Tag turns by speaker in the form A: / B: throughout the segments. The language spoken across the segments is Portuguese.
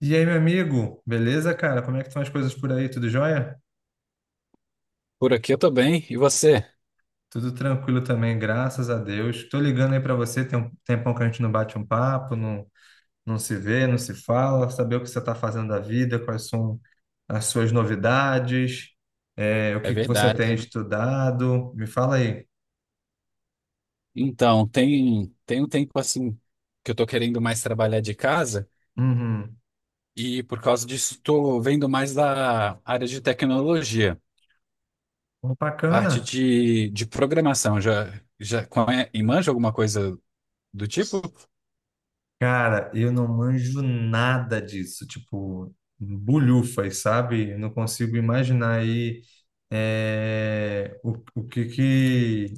A: E aí, meu amigo, beleza, cara? Como é que estão as coisas por aí? Tudo jóia?
B: Por aqui eu tô bem. E você?
A: Tudo tranquilo também, graças a Deus. Tô ligando aí pra você, tem um tempão que a gente não bate um papo, não, não se vê, não se fala, saber o que você tá fazendo da vida, quais são as suas novidades, o
B: É
A: que que você tem
B: verdade, né?
A: estudado. Me fala aí.
B: Então, tem um tempo assim que eu tô querendo mais trabalhar de casa
A: Uhum.
B: e por causa disso tô vendo mais da área de tecnologia,
A: Pô,
B: parte
A: bacana.
B: de programação. Já, já manja alguma coisa do tipo?
A: Cara, eu não manjo nada disso, tipo, bulhufas, sabe? Eu não consigo imaginar aí é, o, o que que,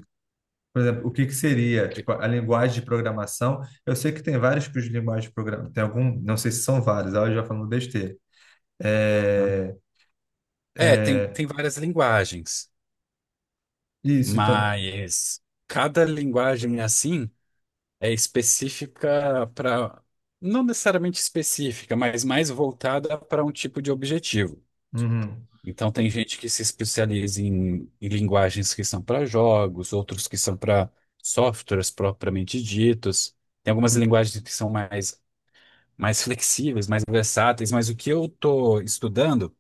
A: por exemplo, o que que seria,
B: Que-
A: tipo, a linguagem de programação. Eu sei que tem vários tipos de linguagem de programação, tem algum, não sei se são vários, aí eu já falando besteira.
B: hã?
A: É,
B: É, Tem várias linguagens,
A: isso, então.
B: mas cada linguagem é assim. É específica para, não necessariamente específica, mas mais voltada para um tipo de objetivo.
A: Uhum,
B: Então, tem gente que se especializa em linguagens que são para jogos, outros que são para softwares propriamente ditos. Tem algumas linguagens que são mais, mais flexíveis, mais versáteis, mas o que eu estou estudando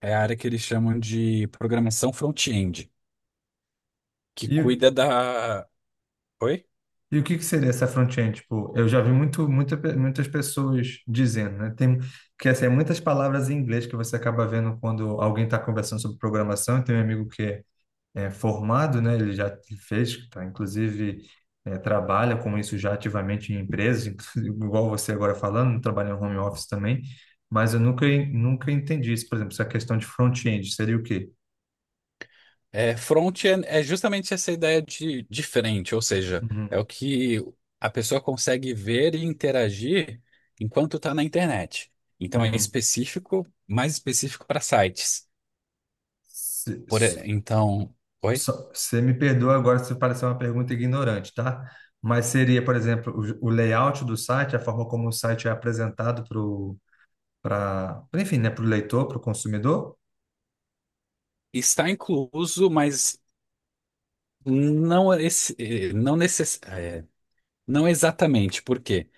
B: é a área que eles chamam de programação front-end, que cuida
A: uhum.
B: da. Oi?
A: E o que que seria essa front-end? Tipo, eu já vi muito, muitas pessoas dizendo, né? É muitas palavras em inglês que você acaba vendo quando alguém está conversando sobre programação. Tem um amigo que é formado, né? Ele já fez, tá? Inclusive trabalha com isso já ativamente em empresas, inclusive, igual você agora falando, trabalha em home office também. Mas eu nunca entendi isso. Por exemplo, essa questão de front-end seria o quê?
B: É, front é justamente essa ideia de frente, ou seja,
A: Uhum,
B: é o que a pessoa consegue ver e interagir enquanto está na internet. Então é
A: uhum.
B: específico, mais específico para sites. Então, oi?
A: Só- Você me perdoa agora se parecer uma pergunta ignorante, tá? Mas seria, por exemplo, o layout do site, a forma como o site é apresentado para, enfim, né, para o leitor, para o consumidor?
B: Está incluso, mas não, esse, eh, não, necess, eh, não exatamente, porque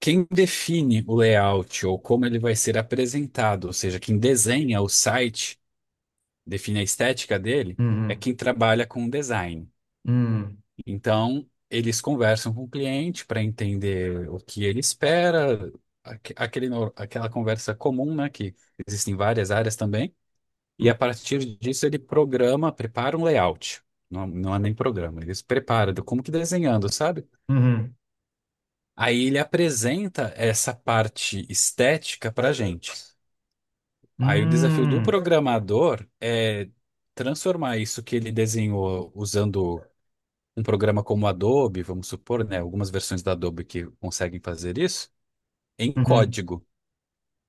B: quem define o layout ou como ele vai ser apresentado, ou seja, quem desenha o site define a estética dele, é
A: Uhum,
B: quem trabalha com design.
A: uhum,
B: Então, eles conversam com o cliente para entender o que ele espera, aque- aquele, no- aquela conversa comum, né, que existem várias áreas também, e a partir disso ele programa, prepara um layout. Não, não é nem programa, eles preparam, como que desenhando, sabe?
A: uhum,
B: Aí ele apresenta essa parte estética para gente. Aí o desafio do
A: uhum,
B: programador é transformar isso que ele desenhou usando um programa como Adobe, vamos supor, né, algumas versões da Adobe que conseguem fazer isso, em
A: uhum.
B: código.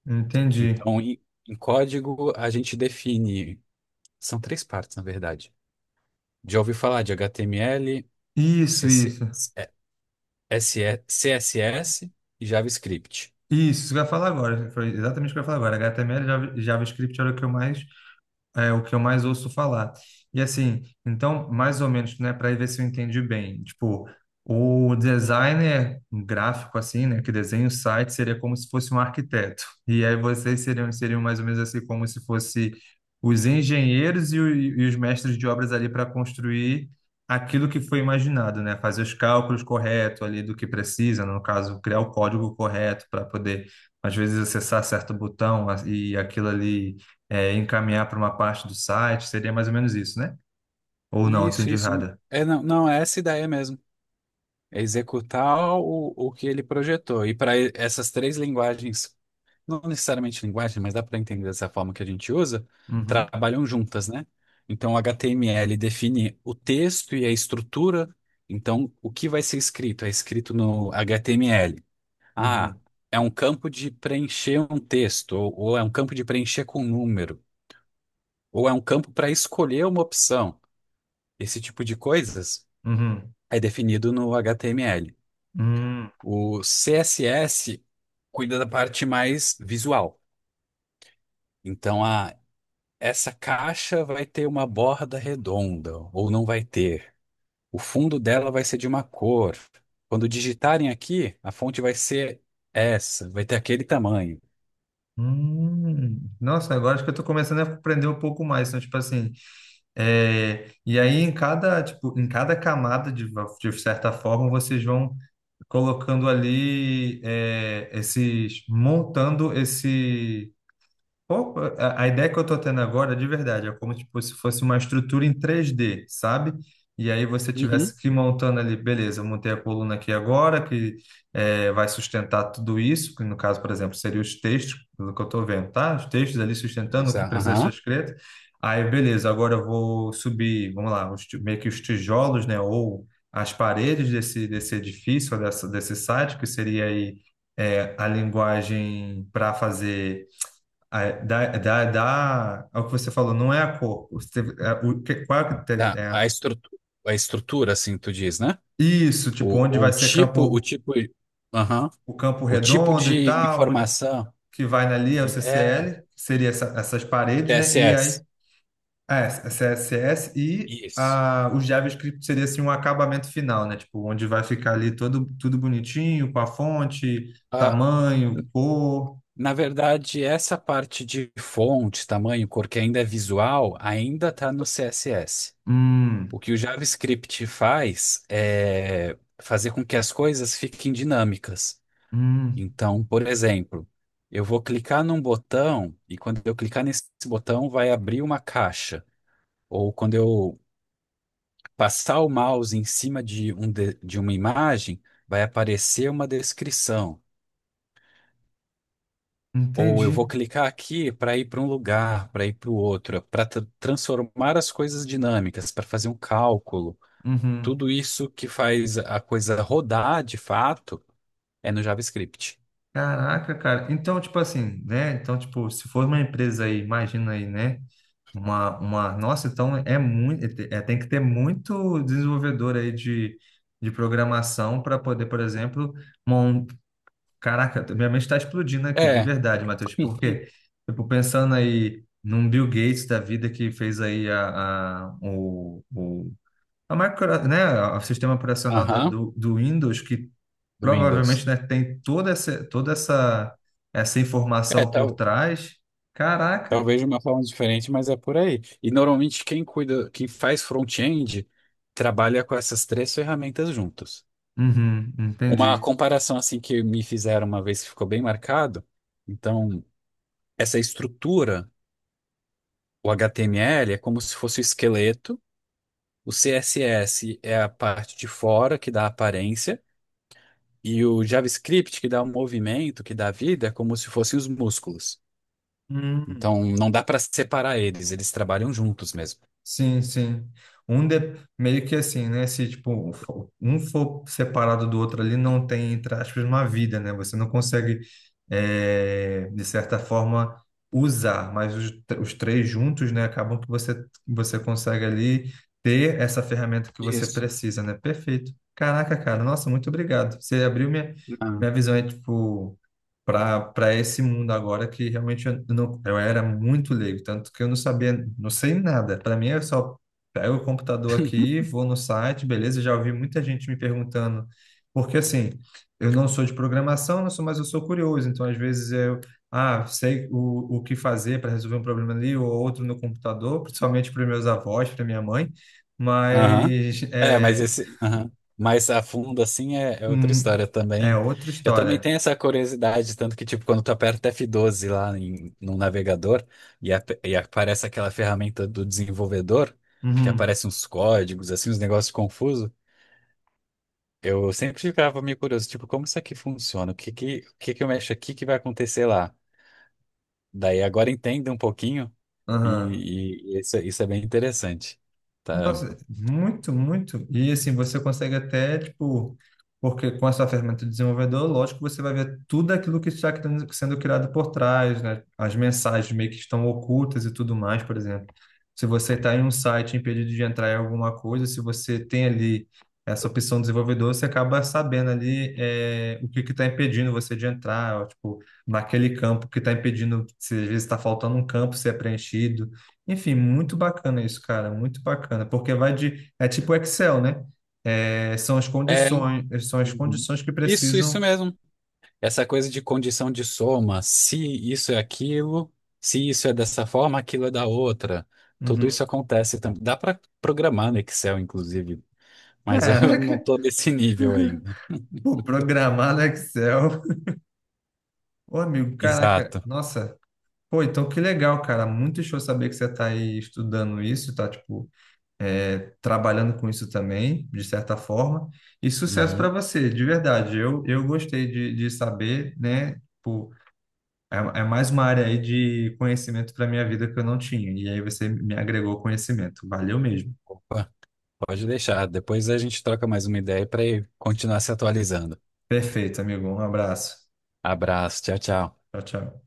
A: Entendi.
B: Então, em código, a gente define, são três partes, na verdade. Já ouvi falar de HTML,
A: Isso,
B: CC,
A: isso.
B: SE, CSS e JavaScript.
A: Isso que eu ia falar agora. Foi exatamente o que eu ia falar agora. HTML e JavaScript era o que eu mais. É o que eu mais ouço falar. E assim, então, mais ou menos, né, para ver se eu entendi bem. Tipo, o designer gráfico, assim, né, que desenha o site, seria como se fosse um arquiteto. E aí vocês seriam mais ou menos assim, como se fosse os engenheiros e os mestres de obras ali para construir aquilo que foi imaginado, né? Fazer os cálculos corretos ali do que precisa, no caso, criar o código correto para poder, às vezes, acessar certo e aquilo ali encaminhar para uma parte do site, seria mais ou menos isso, né? Ou não,
B: Isso,
A: entendi
B: isso.
A: errada.
B: É, não, não, é essa ideia mesmo. É executar o que ele projetou. E para essas três linguagens não necessariamente linguagem, mas dá para entender dessa forma que a gente usa,
A: Uhum,
B: trabalham juntas, né? Então, o HTML define o texto e a estrutura. Então, o que vai ser escrito? É escrito no HTML. Ah,
A: uhum,
B: é um campo de preencher um texto, ou é um campo de preencher com um número, ou é um campo para escolher uma opção. Esse tipo de coisas
A: uhum,
B: é definido no HTML.
A: uhum,
B: O CSS cuida da parte mais visual. Então, a essa caixa vai ter uma borda redonda, ou não vai ter. O fundo dela vai ser de uma cor. Quando digitarem aqui, a fonte vai ser essa, vai ter aquele tamanho.
A: uhum. Nossa, agora acho que eu estou começando a aprender um pouco mais. Então, tipo assim, e aí em cada, tipo, em cada camada, de certa forma, vocês vão colocando ali montando esse. A ideia que eu estou tendo agora, de verdade, é como tipo, se fosse uma estrutura em três d, sabe? E aí você
B: Uhum.
A: tivesse que ir montando ali, beleza, eu montei a coluna aqui agora, que eh, vai sustentar tudo isso, que no caso, por exemplo, seria os textos, pelo que eu estou vendo, tá? Os textos ali sustentando o
B: Diz,
A: que
B: ah,
A: precisa ser
B: aham.
A: escrito. Aí, beleza, agora eu vou subir, vamos lá, os meio que os tijolos, né? Ou as paredes desse edifício, ou desse site, que seria aí eh, a linguagem para fazer ah, é, é o que você falou, não é a cor. Você, é, o, que, qual é, o que
B: Tá,
A: é,
B: a estrutura, assim, tu diz, né?
A: isso, tipo, onde vai ser
B: O
A: campo,
B: tipo, aham.
A: o campo
B: O tipo
A: redondo e
B: de
A: tal, onde-
B: informação
A: que vai ali é o
B: é
A: CCL, seria essas paredes, né? E aí,
B: TSS.
A: ah, é, CSS
B: Isso.
A: o JavaScript seria assim um acabamento final, né? Tipo, onde vai ficar ali todo, tudo bonitinho, com a fonte,
B: Ah,
A: tamanho, cor.
B: na verdade, essa parte de fonte, tamanho, cor, que ainda é visual, ainda está no CSS.
A: Hum,
B: O que o JavaScript faz é fazer com que as coisas fiquem dinâmicas.
A: hum,
B: Então, por exemplo, eu vou clicar num botão e quando eu clicar nesse botão vai abrir uma caixa. Ou quando eu passar o mouse em cima de uma imagem, vai aparecer uma descrição. Ou eu vou
A: entendi.
B: clicar aqui para ir para um lugar, para ir para o outro, para transformar as coisas dinâmicas, para fazer um cálculo.
A: Uhum.
B: Tudo isso que faz a coisa rodar de fato é no JavaScript.
A: Caraca, cara. Então, tipo assim, né? Então, tipo, se for uma empresa aí, imagina aí, né? Uma... Nossa, então é muito. É, tem que ter muito desenvolvedor de programação para poder, por exemplo, mon... Caraca, minha mente está explodindo aqui, de
B: É,
A: verdade, Matheus. Tipo, porque, tipo, pensando aí num Bill Gates da vida que fez aí a micro, né? O sistema operacional
B: aham,
A: do Windows que
B: do Windows.
A: provavelmente, né, tem toda essa, essa
B: É,
A: informação por
B: tal,
A: trás. Caraca.
B: talvez de uma forma diferente, mas é por aí. E normalmente quem cuida, quem faz front-end, trabalha com essas três ferramentas juntos.
A: Uhum,
B: Uma
A: entendi.
B: comparação assim que me fizeram uma vez que ficou bem marcado, então essa estrutura, o HTML é como se fosse o esqueleto, o CSS é a parte de fora que dá a aparência, e o JavaScript que dá o movimento, que dá a vida, é como se fossem os músculos.
A: Hum.
B: Então não dá para separar eles, eles trabalham juntos mesmo.
A: Sim, sim. Um de- meio que assim, né? Se tipo, um for separado do outro ali, não tem, entre aspas, uma vida, né? Você não consegue, eh, de certa forma, usar, mas os três juntos, né? Acabam que você, você consegue ali ter essa ferramenta que você
B: Isso.
A: precisa, né? Perfeito. Caraca, cara, nossa, muito obrigado. Você abriu minha,
B: Ah.
A: minha visão, é tipo para esse mundo agora que realmente eu, não, eu era muito leigo, tanto que eu não sabia, não sei nada. Para mim, eu só pego o computador aqui, vou no site, beleza? Já ouvi muita gente me perguntando, porque assim, eu não sou de programação, não sou, mas eu sou curioso, então às vezes eu. Ah, sei o que fazer para resolver um problema ali ou outro no computador, principalmente para meus avós, para minha mãe,
B: Aham,
A: mas
B: é, mas
A: é,
B: esse aham mais a fundo assim é outra
A: hum,
B: história
A: é
B: também.
A: outra
B: Eu também
A: história.
B: tenho essa curiosidade, tanto que tipo quando tu aperta f doze lá no navegador e aparece aquela ferramenta do desenvolvedor, que
A: Uhum,
B: aparece uns códigos assim, uns negócios confusos, eu sempre ficava meio curioso, tipo, como isso aqui funciona? O que que eu mexo aqui que vai acontecer lá? Daí agora entenda um pouquinho
A: aham.
B: e isso é bem interessante. Tá?
A: Nossa, muito, muito. E assim, você consegue até, tipo, porque com essa ferramenta de desenvolvedor, lógico, você vai ver tudo aquilo que está sendo criado por trás, né? As mensagens meio que estão ocultas e tudo mais, por exemplo. Se você está em um site impedido de entrar em alguma coisa, se você tem ali essa opção de desenvolvedor, você acaba sabendo ali é, o que que está impedindo você de entrar, ó, tipo, naquele campo que está impedindo, se às vezes está faltando um campo ser preenchido. Enfim, muito bacana isso, cara, muito bacana, porque vai de, é tipo Excel, né? É,
B: É,
A: são as
B: uhum.
A: condições que
B: Isso
A: precisam.
B: mesmo. Essa coisa de condição de soma, se isso é aquilo, se isso é dessa forma, aquilo é da outra. Tudo
A: Uhum.
B: isso acontece também. Dá para programar no Excel, inclusive, mas eu não
A: Caraca,
B: estou nesse nível ainda.
A: pô, programar no Excel. Ô, amigo, caraca,
B: Exato.
A: nossa. Pô, então que legal, cara. Muito show saber que você tá aí estudando isso, tá, tipo, é, trabalhando com isso também, de certa forma. E sucesso para
B: Uhum.
A: você, de verdade. Eu gostei de saber, né? Tipo, é, é mais uma área aí de conhecimento para minha vida que eu não tinha. E aí você me agregou conhecimento. Valeu mesmo.
B: Opa, pode deixar. Depois a gente troca mais uma ideia para continuar se atualizando.
A: Perfeito, amigo. Um abraço.
B: Abraço, tchau, tchau.
A: Tchau, tchau.